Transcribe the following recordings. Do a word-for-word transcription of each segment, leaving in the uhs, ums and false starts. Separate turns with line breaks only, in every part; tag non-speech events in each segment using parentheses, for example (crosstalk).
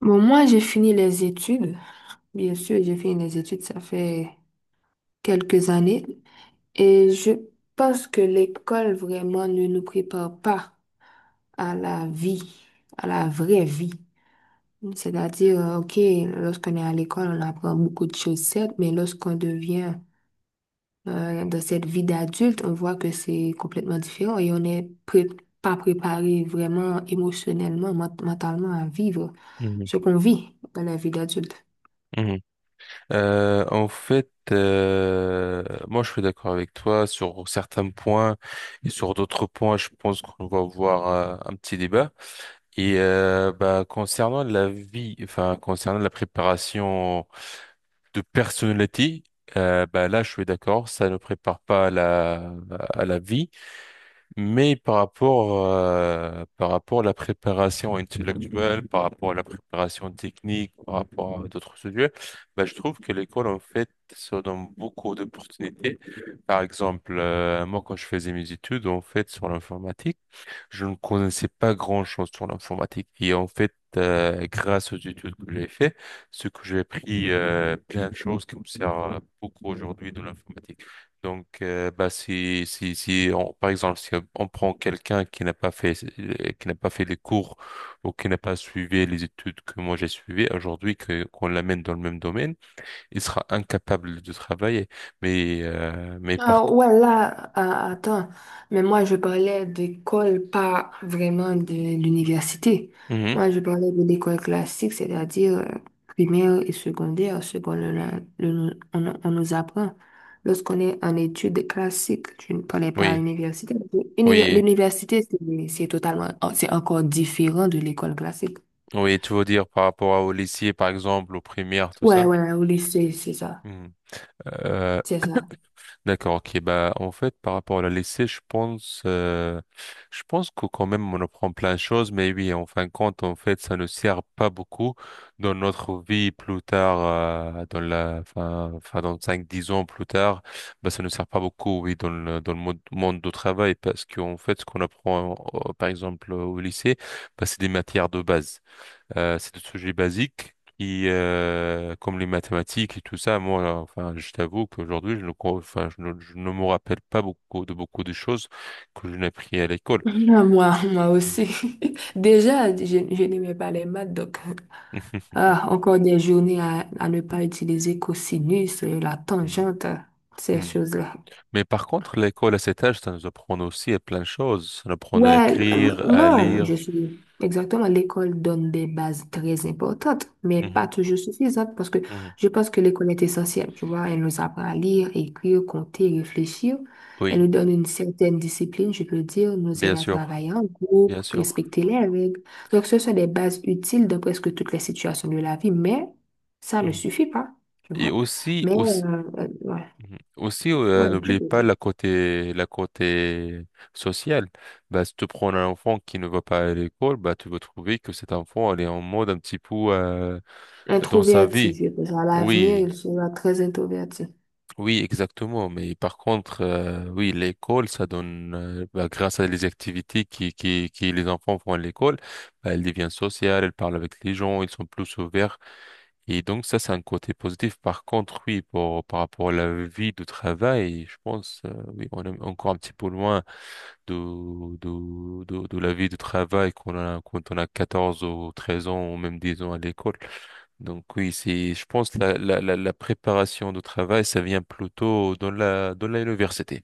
Bon, moi, j'ai fini les études. Bien sûr, j'ai fini les études, ça fait quelques années. Et je pense que l'école vraiment ne nous prépare pas à la vie, à la vraie vie. C'est-à-dire, euh, OK, lorsqu'on est à l'école, on apprend beaucoup de choses, certes, mais lorsqu'on devient euh, dans cette vie d'adulte, on voit que c'est complètement différent et on n'est pré- pas préparé vraiment émotionnellement, ment- mentalement à vivre
Mhm,
ce qu'on vit dans la vie d'adulte.
mhm. Euh, en fait, euh, moi je suis d'accord avec toi sur certains points et sur d'autres points, je pense qu'on va avoir euh, un petit débat. Et euh, bah, concernant la vie, enfin concernant la préparation de personnalité, euh, bah, là je suis d'accord, ça ne prépare pas à la, à la vie. Mais par rapport, euh, par rapport à la préparation intellectuelle, par rapport à la préparation technique, par rapport à d'autres sujets, bah, je trouve que l'école, en fait, se donne beaucoup d'opportunités. Par exemple, euh, moi, quand je faisais mes études, en fait, sur l'informatique, je ne connaissais pas grand-chose sur l'informatique. Et en fait, euh, grâce aux études que j'ai fait, ce que j'ai appris, euh, plein de choses qui me servent beaucoup aujourd'hui de l'informatique. Donc, euh, bah, si, si, si on- par exemple, si on prend quelqu'un qui n'a pas fait, euh, qui n'a pas fait les cours ou qui n'a pas suivi les études que moi j'ai suivies aujourd'hui, que, qu'on l'amène dans le même domaine, il sera incapable de travailler. Mais, euh, mais par
Ah
contre,
ouais, là, ah, attends, mais moi je parlais d'école, pas vraiment de l'université.
Mhm.
Moi je parlais de l'école classique, c'est-à-dire euh, primaire et secondaire, ce qu'on le- le- on, on nous apprend lorsqu'on est en études classiques. Je ne parlais pas à
Oui,
l'université. univer-
oui.
L'université, c'est c'est totalement, oh, c'est encore différent de l'école classique.
Oui, tu veux dire par rapport à- au lycée, par exemple, aux primaires, tout
Ouais,
ça?
ouais, au lycée, c'est ça.
Hmm. Euh,
C'est ça.
d'accord, ok. Bah, en fait, par rapport à la lycée, je pense, euh, je pense que quand même, on apprend plein de choses, mais oui, en fin de compte, en fait, ça ne sert pas beaucoup dans notre vie plus tard, euh, dans la, enfin, enfin, dans cinq, dix ans plus tard, bah, ça ne sert pas beaucoup, oui, dans le, dans le monde, monde du travail, parce qu'en fait, ce qu'on apprend, euh, par exemple, au lycée, bah, c'est des matières de base. Euh, c'est des sujets basiques qui, euh, comme les mathématiques et tout ça, moi, euh, enfin, je t'avoue qu'aujourd'hui, je ne, co- enfin, je ne, je ne me rappelle pas beaucoup de beaucoup de choses que je n'ai appris à l'école.
(laughs) Moi, moi
Mm.
aussi. (laughs) Déjà, je, je n'aimais pas les maths, donc.
(laughs)
Ah, encore des journées à, à ne pas utiliser cosinus, euh, la
Mm.
tangente, ces
Mm.
choses-là.
Mais par contre, l'école à cet âge, ça nous apprend aussi à plein de choses. Ça nous apprend à
Ouais, n-
écrire, à
non, je
lire.
suis exactement. L'école donne des bases très importantes, mais pas
Mhm.
toujours suffisantes parce que
Mhm.
je pense que l'école est essentielle. Tu vois, elle nous apprend à lire, écrire, compter, réfléchir. Elle
Oui,
nous donne une certaine discipline, je peux dire, nous
bien
aide à
sûr,
travailler en
bien
groupe,
sûr.
respecter les règles. Donc, ce sont des bases utiles dans presque toutes les situations de la vie, mais ça ne
Mm.
suffit pas, tu
Et
vois.
aussi,
Mais,
aussi,
euh, euh, ouais,
Mhm. Aussi, euh,
ouais, tu
n'oubliez
peux
pas
dire.
la côté, la côté sociale. Bah, si tu prends un enfant qui ne va pas à l'école, bah, tu vas trouver que cet enfant, elle est en mode un petit peu euh, dans sa
Introverti,
vie.
je pense. À l'avenir,
Oui,
il sera très introverti.
oui, exactement. Mais par contre, euh, oui, l'école, ça donne, euh, bah, grâce à les activités qui, qui, qui les enfants font à l'école, bah, elle devient sociale, elle parle avec les gens, ils sont plus ouverts et donc ça, c'est un côté positif. Par contre, oui, pour, par rapport à la vie de travail, je pense, euh, oui, on est encore un petit peu loin de, de, de, de la vie de travail qu'on a quand on a quatorze ou treize ans ou même dix ans à l'école. Donc oui, c'est, je pense, la, la, la, la préparation de travail, ça vient plutôt dans la, dans l'université.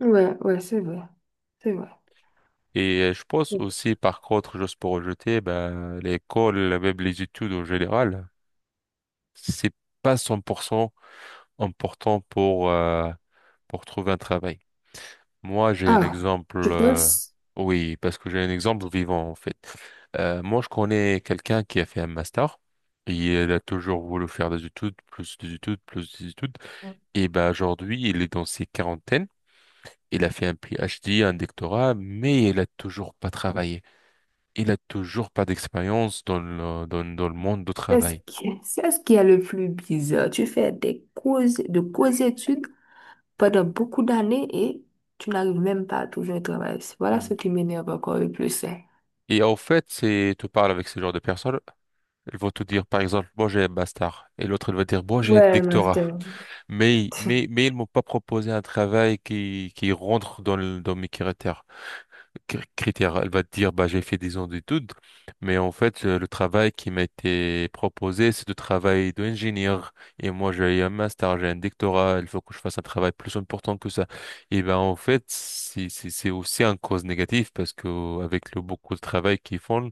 Ouais, ouais, c'est vrai. C'est vrai.
Et euh, je pense aussi, par contre, juste pour rejeter, bah, l'école, même les études en général, c'est pas cent pour cent important pour, euh, pour trouver un travail. Moi, j'ai un
Ah,
exemple,
je
euh,
pense
oui, parce que j'ai un exemple vivant, en fait. Euh, moi, je connais quelqu'un qui a fait un master. Et il a toujours voulu faire des études, plus des études, plus des études. Et ben aujourd'hui, il est dans ses quarantaines. Il a fait un PhD, un doctorat, mais il a toujours pas travaillé. Il a toujours pas d'expérience dans le, dans, dans le monde du
c'est ce
travail.
qui, c'est ce qui est le plus bizarre. Tu fais des causes, de causes études pendant beaucoup d'années et tu n'arrives même pas à trouver un travail. Voilà ce
Mm.
qui m'énerve encore le plus, hein.
Et en fait, c'est, tu parles avec ce genre de personnes. Ils vont te dire, par exemple, moi j'ai un master. Et l'autre, il va dire, moi j'ai un
Ouais,
doctorat.
master.
Mais, mais, mais ils m'ont pas proposé un travail qui, qui rentre dans, le- dans mes critères. Cri- critères. Elle va te dire, bah, j'ai fait 10 ans d'études. Mais en fait, euh, le travail qui m'a été proposé, c'est de travail d'ingénieur. Et moi, j'ai un master, j'ai un doctorat. Il faut que je fasse un travail plus important que ça. Et ben, en fait, c'est, c'est c'est aussi un cause négative parce que avec le beaucoup de travail qu'ils font,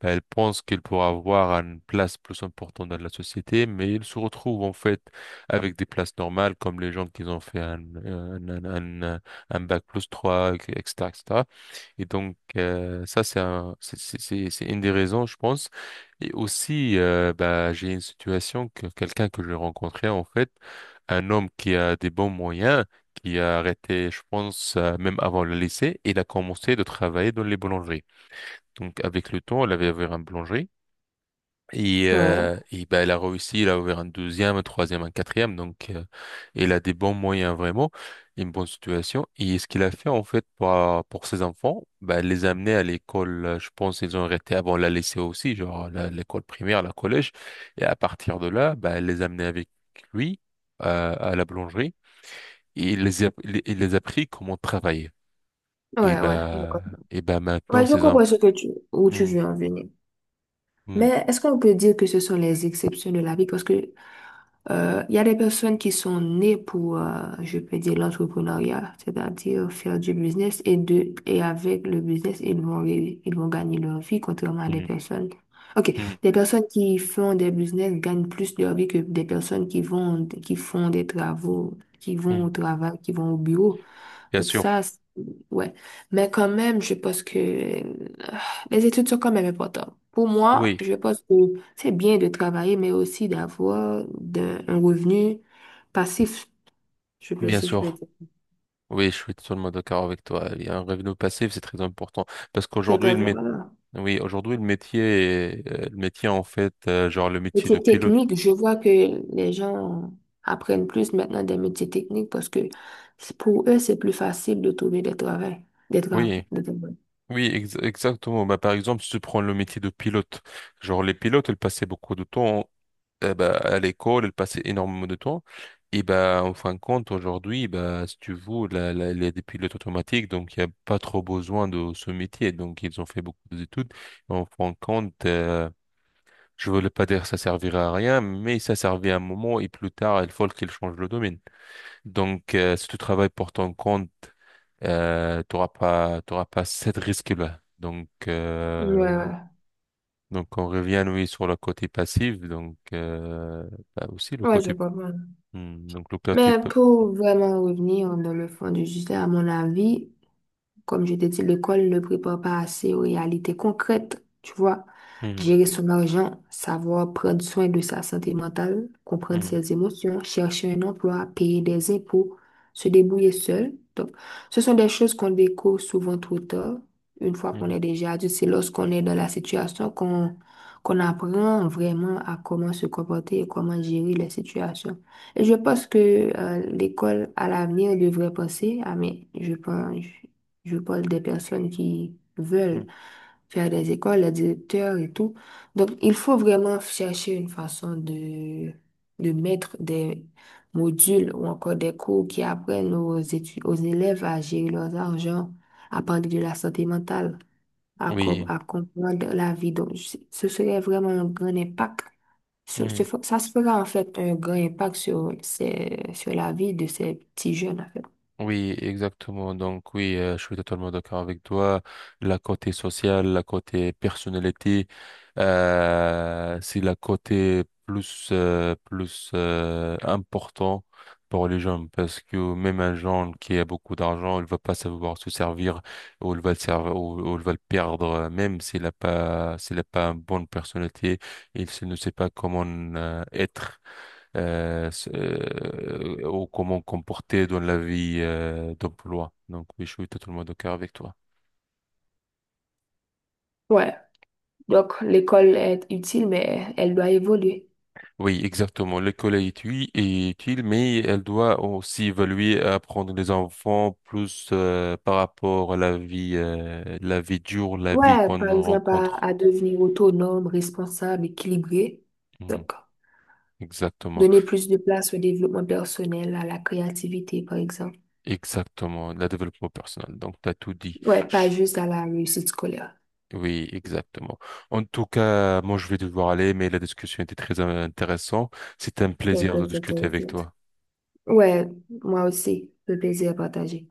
elle pense qu'elle pourra avoir une place plus importante dans la société, mais il se retrouve en fait avec des places normales comme les gens qui ont fait un, un, un, un- un- un bac plus trois, et cetera, et cetera. Et cetera. Et donc, euh, ça, c'est un, c'est c'est- c'est- c'est une des raisons, je pense. Et aussi, euh, bah, j'ai une situation que quelqu'un que j'ai rencontré, en fait, un homme qui a des bons moyens, qui a arrêté, je pense, euh, même avant le lycée, il a commencé de travailler dans les boulangeries. Donc avec le temps, elle avait ouvert un boulangerie. Et,
Ouais,
euh, et ben, elle a réussi, elle a ouvert un deuxième, un troisième, un quatrième. Donc euh, elle a des bons moyens vraiment, une bonne situation. Et ce qu'il a fait en fait pour, pour ses enfants, ben, elle les a amenés à l'école. euh, Je pense ils ont arrêté avant la lycée aussi, genre la- l'école primaire, la collège. Et à partir de là, ben, elle les a amenés avec lui euh, à la boulangerie. Et il les a, il il les a appris comment travailler. Et
ouais, ouais. Je
ben,
comprends,
et ben maintenant,
ouais, je
ces enfants...
comprends ce que tu, où tu
hmm,
veux en venir.
hmm,
Mais est-ce qu'on peut dire que ce sont les exceptions de la vie? Parce que euh, il y a des personnes qui sont nées pour, euh, je peux dire, l'entrepreneuriat, c'est-à-dire faire du business et de et avec le business, ils vont ré- ils vont gagner leur vie, contrairement à des
hmm,
personnes. OK,
hmm,
des personnes qui font des business gagnent plus leur vie que des personnes qui vont qui font des travaux, qui
hmm.
vont au travail, qui vont au bureau.
Bien
Donc
sûr,
ça, c'est- ouais. Mais quand même, je pense que euh, les études sont quand même importantes. Pour moi,
oui,
je pense que c'est bien de travailler, mais aussi d'avoir d'un- un revenu passif, je peux,
bien
si je peux
sûr.
dire.
Oui, je suis totalement d'accord avec toi. Il y a un revenu passif, c'est très important. Parce
C'est
qu'aujourd'hui, le
très
mét-
important.
oui, aujourd'hui, le métier, est- euh, le métier, en fait, euh, genre le métier de
Métier
pilote.
technique, je vois que les gens apprennent plus maintenant des métiers techniques parce que c'est- pour eux, c'est plus facile de trouver des travaux, des
Oui,
travaux, des travaux.
oui, ex- exactement. Bah, par exemple, si tu prends le métier de pilote, genre les pilotes, ils passaient beaucoup de temps eh ben, à l'école, elle passait énormément de temps. Et bah en fin de compte, aujourd'hui, bah si tu veux, la, la, les des pilotes automatiques, donc il n'y a pas trop besoin de ce métier. Donc, ils ont fait beaucoup d'études. En fin de compte, euh, je ne voulais pas dire que ça servirait à rien, mais ça servait à un moment et plus tard, il faut qu'ils changent le domaine. Donc, euh, si tu travailles pour ton compte, euh, tu n'auras pas, t'auras pas cette risque-là. Donc,
Ouais,
euh,
ouais.
donc on revient, oui, sur le côté passif. Donc, euh, bah aussi le
Ouais, je
côté
comprends.
Hmm, donc le plat est
Mais
pas...
pour vraiment revenir dans le fond du sujet, à mon avis, comme je t'ai dit, l'école ne prépare pas assez aux réalités concrètes, tu vois.
Hmm,
Gérer son argent, savoir prendre soin de sa santé mentale, comprendre
hmm,
ses émotions, chercher un emploi, payer des impôts, se débrouiller seul. Donc, ce sont des choses qu'on découvre souvent trop tard. Une fois qu'on
hmm,
est déjà adulte, c'est lorsqu'on est dans la situation qu'on qu'on apprend vraiment à comment se comporter et comment gérer les situations. Et je pense que euh, l'école à l'avenir devrait penser, ah mais je pense. Je parle des personnes qui
hmm.
veulent faire des écoles, les directeurs et tout. Donc, il faut vraiment chercher une façon de, de mettre des modules ou encore des cours qui apprennent aux étu- aux élèves à gérer leurs argent, à parler de la santé mentale, à, com-
Oui.
à comprendre la vie. Donc, je- ce serait vraiment un grand impact. Sur-
Hmm.
ce fe- ça se fera en fait un grand impact sur, ces- sur la vie de ces petits jeunes, en fait.
Oui, exactement. Donc oui, euh, je suis totalement d'accord avec toi. La côté sociale, la côté personnalité, euh, c'est la côté plus euh, plus euh, important pour les jeunes parce que même un jeune qui a beaucoup d'argent, il va pas savoir se servir ou il va le servir ou, ou il va le perdre euh, même s'il a pas s'il a pas une bonne personnalité, il se- ne sait pas comment euh, être euh, s- euh, ou comment comporter dans la vie euh, d'emploi. Donc oui, je suis totalement d'accord avec toi.
Ouais. Donc, l'école est utile, mais elle doit évoluer.
Oui, exactement. L'école est utile, est utile, mais elle doit aussi évaluer et apprendre les enfants plus euh, par rapport à la vie, euh, la vie dure, la vie
Ouais,
qu'on
par exemple, à,
rencontre.
à devenir autonome, responsable, équilibré.
Mhm.
Donc,
Exactement,
donner plus de place au développement personnel, à la créativité, par exemple.
exactement, le développement personnel. Donc, tu as tout dit.
Ouais, pas juste à la réussite scolaire.
Oui, exactement. En tout cas, moi, je vais devoir aller, mais la discussion était très euh, intéressante. C'était un
C'est
plaisir de
très
discuter avec
intéressant.
toi.
Ouais, moi aussi, le plaisir à partager.